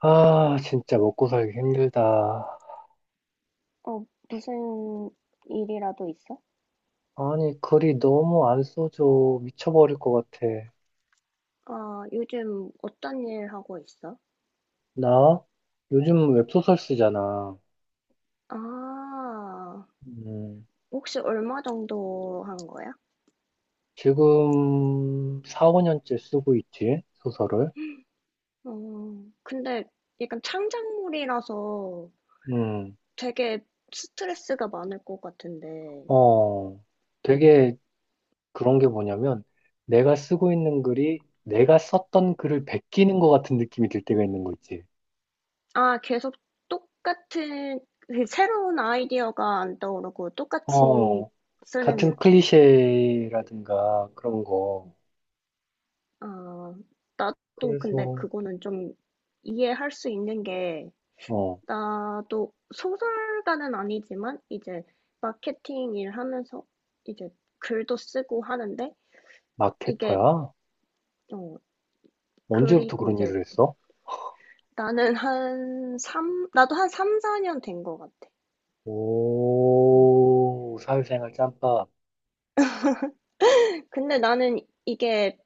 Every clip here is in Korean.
아, 진짜 먹고 살기 힘들다. 어, 무슨 일이라도 있어? 아니, 글이 너무 안 써져. 미쳐버릴 것 같아. 아, 요즘 어떤 일 하고 있어? 나? 요즘 웹소설 쓰잖아. 아, 음, 혹시 얼마 정도 한 거야? 지금 4, 5년째 쓰고 있지, 소설을. 어, 근데 약간 창작물이라서 음, 되게 스트레스가 많을 것 같은데. 어, 되게 그런 게 뭐냐면, 내가 쓰고 있는 글이 내가 썼던 글을 베끼는 것 같은 느낌이 들 때가 있는 거 있지. 아, 계속 똑같은, 그 새로운 아이디어가 안 떠오르고 똑같이 어, 쓰는 같은 느낌. 클리셰라든가 그런 거. 아, 나도 근데 그래서, 그거는 좀 이해할 수 있는 게, 어. 나도 소설가는 아니지만 이제 마케팅 일 하면서 이제 글도 쓰고 하는데, 이게 마케터야? 어 언제부터 그리고 그런 이제 일을 했어? 나는 한 3, 나도 한삼 4년 된 것 같아. 음. 오, 사회생활 짬밥. 근데 나는 이게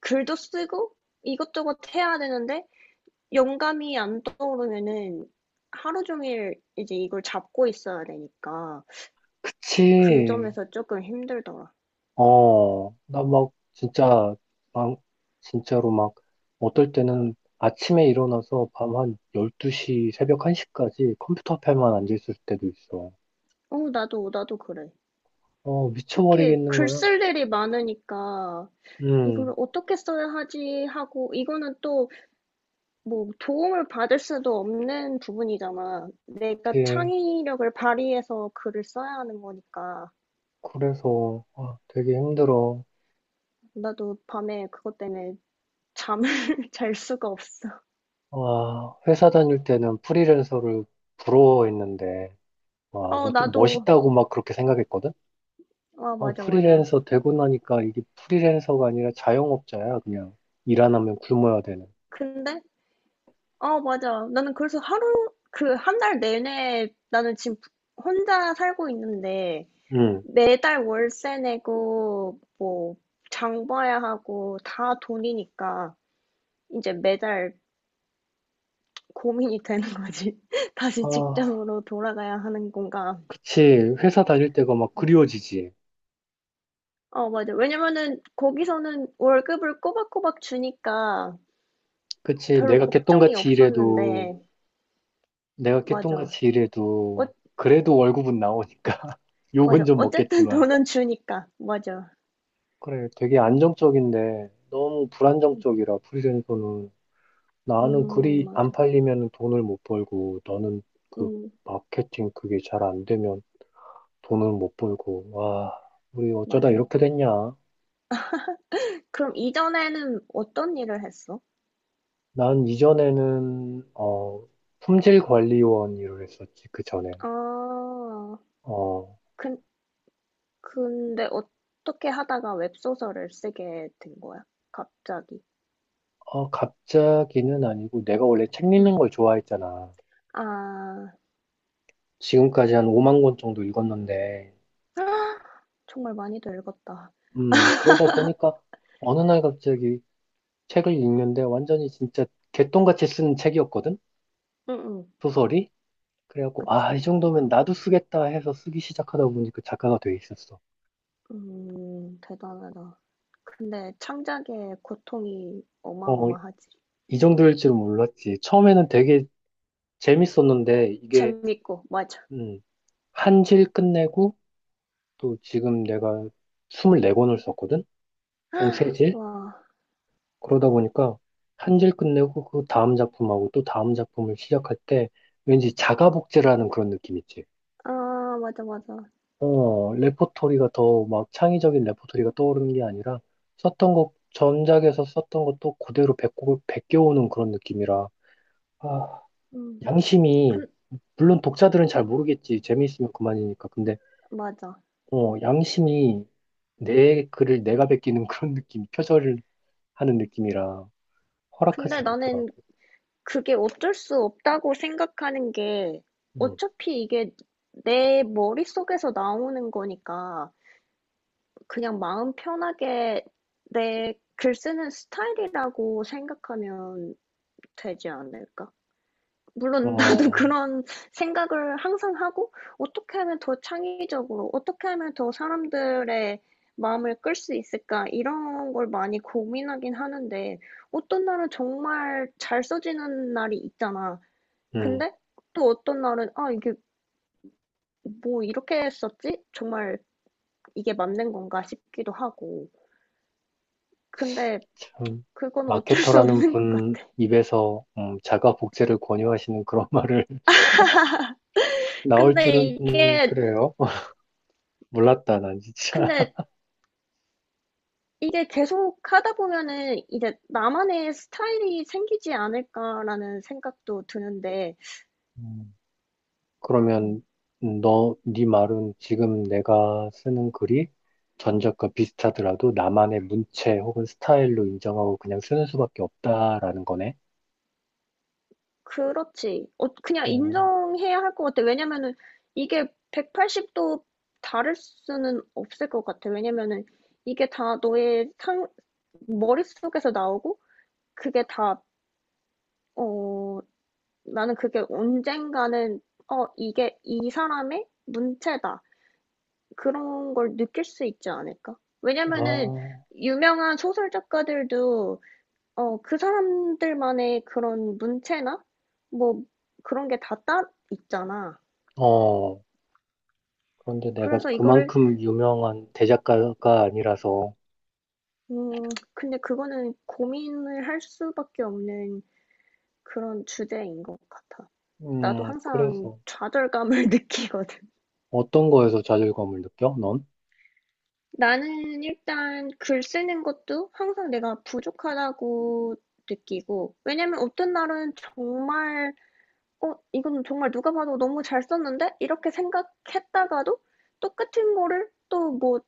글도 쓰고 이것저것 해야 되는데 영감이 안 떠오르면은 하루 종일 이제 이걸 잡고 있어야 되니까 그 그치. 점에서 조금 힘들더라. 어, 나 막, 진짜, 막, 진짜로 막, 어떨 때는 아침에 일어나서 밤 한 12시, 새벽 1시까지 컴퓨터 앞에만 앉아있을 때도 있어. 어, 나도, 나도 그래. 어, 특히 미쳐버리겠는 글 거야. 쓸 일이 많으니까 이거를 음, 어떻게 써야 하지 하고, 이거는 또 뭐 도움을 받을 수도 없는 부분이잖아. 내가 예. 창의력을 발휘해서 글을 써야 하는 거니까. 그래서, 아, 되게 힘들어. 나도 밤에 그것 때문에 잠을 잘 수가 없어. 아, 회사 다닐 때는 프리랜서를 부러워했는데, 와, 어, 뭐 좀 나도. 멋있다고 막 그렇게 생각했거든? 아, 아, 맞아, 맞아. 프리랜서 되고 나니까 이게 프리랜서가 아니라 자영업자야, 그냥. 일 안 하면 굶어야 되는. 근데, 어, 맞아. 나는 그래서 그 한 달 내내 나는 지금 혼자 살고 있는데 응. 매달 월세 내고 뭐 장 봐야 하고 다 돈이니까 이제 매달 고민이 되는 거지. 다시 아, 직장으로 돌아가야 하는 건가? 그치. 회사 다닐 때가 막 그리워지지. 어, 맞아. 왜냐면은 거기서는 월급을 꼬박꼬박 주니까 그치. 별로 내가 걱정이 개똥같이 일해도, 없었는데, 내가 맞아. 어, 개똥같이 일해도, 그래도 월급은 나오니까. 욕은 맞아. 좀 어쨌든 먹겠지만. 돈은 주니까. 맞아. 그래, 되게 안정적인데, 너무 음, 불안정적이라, 프리랜서는. 나는 글이 맞아. 안 팔리면 돈을 못 벌고, 너는 그 음, 마케팅 그게 잘 안 되면 돈을 못 벌고, 와, 우리 어쩌다 이렇게 맞아. 됐냐? 그럼 이전에는 어떤 일을 했어? 난 이전에는, 품질관리원 일을 했었지, 그 전엔. 아, 어, 그, 근데 어떻게 하다가 웹소설을 쓰게 된 거야? 갑자기. 어, 갑자기는 아니고, 내가 원래 책 응. 읽는 걸 좋아했잖아. 아, 지금까지 한 5만 권 정도 읽었는데, 정말 많이도 읽었다. 그러다 보니까 어느 날 갑자기 책을 읽는데 완전히 진짜 개똥같이 쓴 책이었거든? 응, 응. 소설이? 그래갖고, 그치. 아, 이 정도면 그럼. 나도 쓰겠다 해서 쓰기 시작하다 보니까 작가가 돼 있었어. 대단하다. 근데 창작의 고통이 어, 어마어마하지. 이 정도일 줄은 몰랐지. 처음에는 되게 재밌었는데, 이게, 재밌고, 맞아. 음, 한질 끝내고, 또 지금 내가 24권을 썼거든? 총 세질 와, 그러다 보니까, 한 질 끝내고, 그 다음 작품하고 또 다음 작품을 시작할 때, 왠지 자가복제라는 그런 느낌 있지. 아, 맞아, 맞아. 어, 레포토리가 더 막 창의적인 레포토리가 떠오르는 게 아니라 썼던 곡, 전작에서 썼던 것도 그대로 배꼽을 베껴오는 그런 느낌이라, 아, 음, 양심이, 근, 물론 독자들은 잘 모르겠지. 재미있으면 그만이니까. 근데, 맞아. 어, 양심이 내 글을 내가 베끼는 그런 느낌, 표절을 하는 느낌이라 근데 허락하지 않더라고. 나는 그게 어쩔 수 없다고 생각하는 게, 음, 어차피 이게 내 머릿속에서 나오는 거니까 그냥 마음 편하게 내 글 쓰는 스타일이라고 생각하면 되지 않을까? 물론 나도 어, 그런 생각을 항상 하고, 어떻게 하면 더 창의적으로, 어떻게 하면 더 사람들의 마음을 끌 수 있을까? 이런 걸 많이 고민하긴 하는데, 어떤 날은 정말 잘 써지는 날이 있잖아. 음, 근데 또 어떤 날은, 아, 이게 뭐 이렇게 썼지? 정말 이게 맞는 건가 싶기도 하고. 근데 참. 그건 어쩔 수 마케터라는 없는 것 분 같아. 입에서 자가 복제를 권유하시는 그런 말을 나올 근데 줄은, 이게, 그래요. 몰랐다, 난 진짜. 근데 이게 계속 하다 보면은 이제 나만의 스타일이 생기지 않을까라는 생각도 드는데, 음, 그러면, 음, 네 말은 지금 내가 쓰는 글이 전작과 비슷하더라도 나만의 문체 혹은 스타일로 인정하고 그냥 쓰는 수밖에 없다라는 거네. 그렇지. 어, 그냥 음, 인정해야 할 것 같아. 왜냐면은 이게 180도 다를 수는 없을 것 같아. 왜냐면은 이게 다 머릿속에서 나오고, 그게 다, 어, 나는 그게 언젠가는, 어, 이게 이 사람의 문체다. 그런 걸 느낄 수 있지 않을까? 왜냐면은 아, 유명한 소설 작가들도 어, 그 사람들만의 그런 문체나 뭐 그런 게 다 따 있잖아. 어. 그런데 내가 그래서 이거를 그만큼 유명한 대작가가 아니라서, 음, 근데 그거는 고민을 할 수밖에 없는 그런 주제인 것 같아. 나도 항상 그래서 좌절감을 느끼거든. 어떤 거에서 좌절감을 느껴, 넌? 나는 일단 글 쓰는 것도 항상 내가 부족하다고 느끼고, 왜냐면 어떤 날은 정말 어, 이건 정말 누가 봐도 너무 잘 썼는데? 이렇게 생각했다가도 똑같은 거를 또 뭐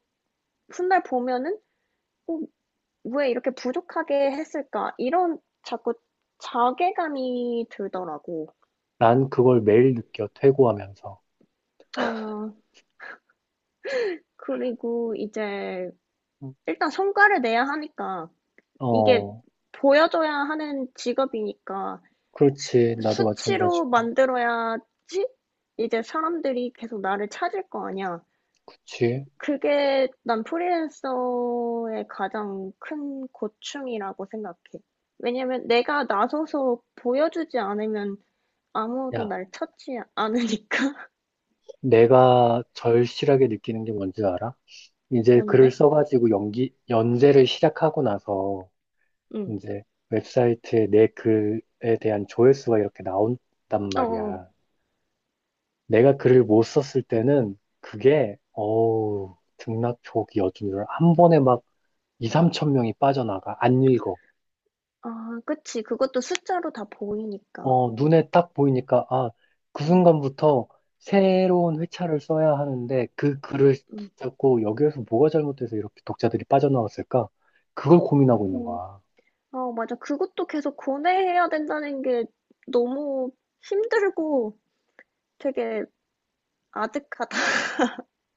훗날 보면은 어, 왜 이렇게 부족하게 했을까? 이런 자꾸 자괴감이 들더라고. 난 그걸 매일 느껴, 퇴고하면서. 아, 그리고 이제 일단 성과를 내야 하니까 이게 어, 보여줘야 하는 직업이니까 그렇지. 나도 수치로 마찬가지고. 만들어야지 이제 사람들이 계속 나를 찾을 거 아니야. 그치. 그게 난 프리랜서의 가장 큰 고충이라고 생각해. 왜냐면 내가 나서서 보여주지 않으면 아무도 야, 날 찾지 않으니까. 내가 절실하게 느끼는 게 뭔지 알아? 이제 글을 뭔데? 써가지고 연재를 시작하고 나서 응. 이제 웹사이트에 내 글에 대한 조회수가 이렇게 나온단 어, 어. 말이야. 내가 글을 못 썼을 때는 그게, 어우, 등락촉이어준한 번에 막 2, 3천 명이 빠져나가. 안 읽어. 아, 그치. 그것도 숫자로 다 보이니까. 어, 눈에 딱 보이니까, 아, 그 응, 순간부터 새로운 회차를 써야 하는데, 그 글을 응, 붙잡고 여기에서 뭐가 잘못돼서 이렇게 독자들이 빠져나왔을까? 그걸 고민하고 있는 응. 거야. 아, 맞아. 그것도 계속 고뇌해야 된다는 게 너무 힘들고 되게 아득하다.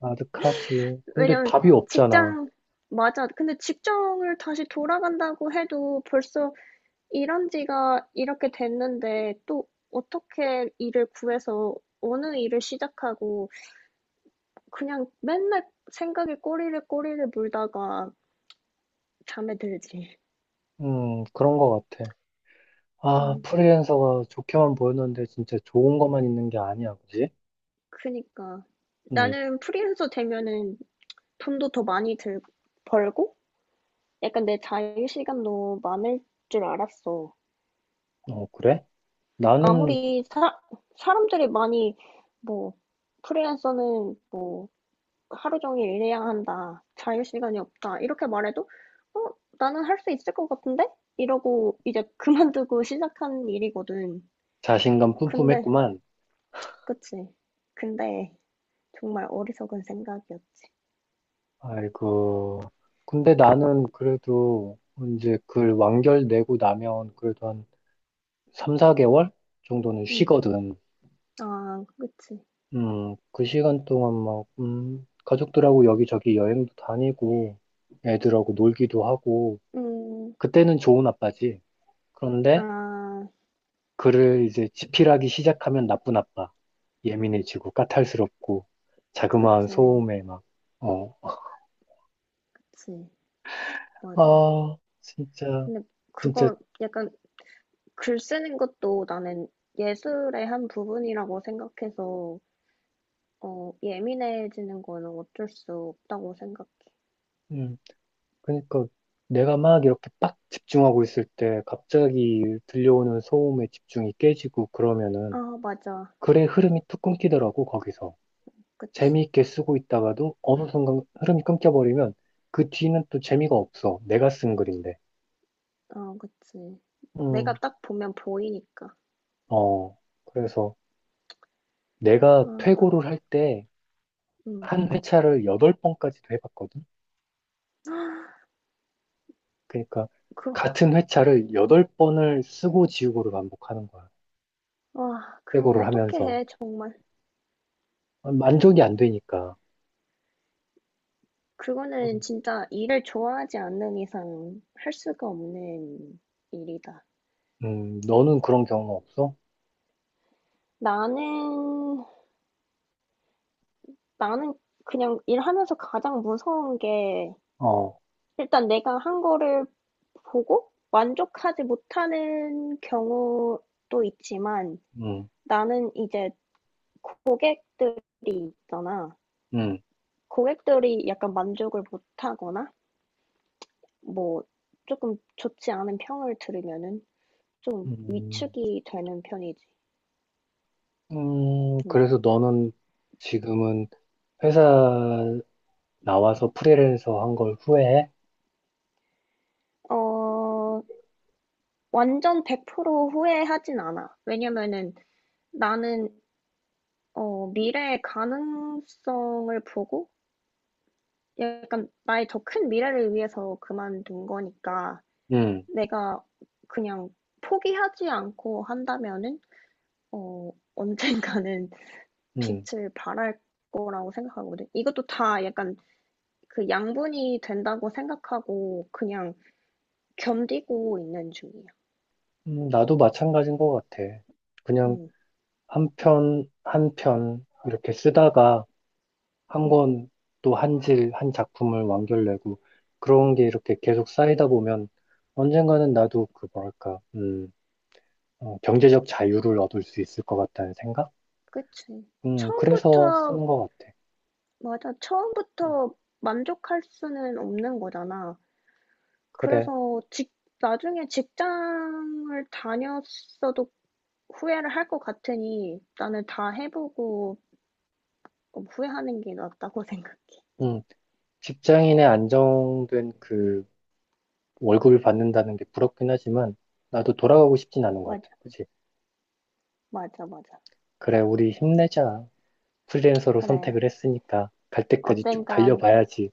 아득하지. 근데 왜냐면 답이 없잖아. 직장 맞아. 근데 직장을 다시 돌아간다고 해도 벌써 일한 지가 이렇게 됐는데 또 어떻게 일을 구해서 어느 일을 시작하고, 그냥 맨날 생각에 꼬리를 꼬리를 물다가 잠에 들지. 그런 거 같아. 아, 음, 프리랜서가 좋게만 보였는데 진짜 좋은 것만 있는 게 아니야, 그지? 그니까 음, 나는 프리랜서 되면은 돈도 더 많이 들, 벌고 약간 내 자유 시간도 많을 줄 알았어. 어, 그래? 나는 아무리 사람들이 많이 뭐 프리랜서는 뭐 하루 종일 일해야 한다, 자유 시간이 없다 이렇게 말해도 어 나는 할 수 있을 것 같은데 이러고 이제 그만두고 시작한 일이거든. 자신감 근데 뿜뿜했구만. 그치. 근데 정말 어리석은 생각이었지. 아이고. 근데 나는 그래도 이제 그 완결 내고 나면 그래도 한 3, 4개월 정도는 음, 쉬거든. 아 그치. 그 시간 동안 막, 가족들하고 여기저기 여행도 다니고, 애들하고 놀기도 하고, 음, 그때는 좋은 아빠지. 그런데 아 그를 이제 집필하기 시작하면 나쁜 아빠. 예민해지고, 까탈스럽고, 자그마한 그치, 소음에 막, 어, 그치 맞아. 아, 진짜, 근데 진짜, 그거 약간 글 쓰는 것도 나는 예술의 한 부분이라고 생각해서 어, 예민해지는 거는 어쩔 수 없다고 생각해. 음, 그러니까 내가 막 이렇게 빡 집중하고 있을 때 갑자기 들려오는 소음에 집중이 깨지고 아, 그러면은 맞아. 글의 흐름이 툭 끊기더라고 거기서. 그치. 재미있게 쓰고 있다가도 어느 순간 흐름이 끊겨버리면 그 뒤는 또 재미가 없어, 내가 쓴 글인데. 아, 그치. 내가 음, 딱 보면 보이니까. 어, 그래서 내가 아, 나, 퇴고를 할 때 음. 한 회차를 여덟 번까지도 해봤거든. 그러니까 그, 같은 회차를 여덟 번을 쓰고 지우고를 반복하는 거야. 와 그거 퇴고를 어떻게 하면서 해, 정말. 만족이 안 되니까. 그거는 진짜 일을 좋아하지 않는 이상 할 수가 없는 일이다. 너는 그런 경우 없어? 나는, 나는 그냥 일하면서 가장 무서운 게, 어, 일단 내가 한 거를 보고 만족하지 못하는 경우도 있지만 음, 나는 이제 고객들이 있잖아. 음, 고객들이 약간 만족을 못하거나 뭐 조금 좋지 않은 평을 들으면은 좀 음, 위축이 되는 편이지. 응. 그래서 너는 지금은 회사 나와서 프리랜서 한 걸 후회해? 어, 완전 100% 후회하진 않아. 왜냐면은 나는 어, 미래의 가능성을 보고 약간 나의 더 큰 미래를 위해서 그만둔 거니까 음, 내가 그냥 포기하지 않고 한다면은 어, 언젠가는 음, 빛을 발할 거라고 생각하거든. 이것도 다 약간 그 양분이 된다고 생각하고 그냥 견디고 있는 중이야. 나도 마찬가지인 것 같아. 그냥 응, 한 편, 한 편, 이렇게 쓰다가 한 응, 권 또 한 질, 한 작품을 완결내고 그런 게 이렇게 계속 쌓이다 보면 언젠가는 나도 그 뭐랄까, 경제적 자유를 얻을 수 있을 것 같다는 생각? 그치. 그래서 처음부터, 쓰는 것 같아. 맞아. 음, 처음부터 만족할 수는 없는 거잖아. 그래. 그래서 나중에 직장을 다녔어도 후회를 할 것 같으니 나는 다 해보고 조금 후회하는 게 낫다고 생각해. 음, 직장인의 안정된 그 월급을 받는다는 게 부럽긴 하지만 나도 돌아가고 싶진 않은 것 맞아, 같아. 그치? 맞아, 맞아. 그래, 우리 힘내자. 프리랜서로 그래. 선택을 했으니까 갈 때까지 쭉 언젠간 달려봐야지.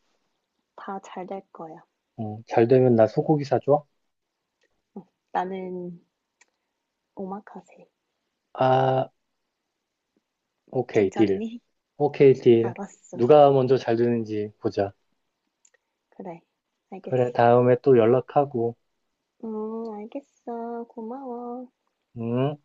다 잘 될 거야. 잘 되면 나 소고기 사줘? 나는 오마카세. 아, 오케이, 딜. 괜찮니? 오케이, 딜. 알았어. 누가 먼저 잘 되는지 보자. 그래. 알겠어. 그래, 다음에 또 연락하고. 알겠어. 고마워. 응?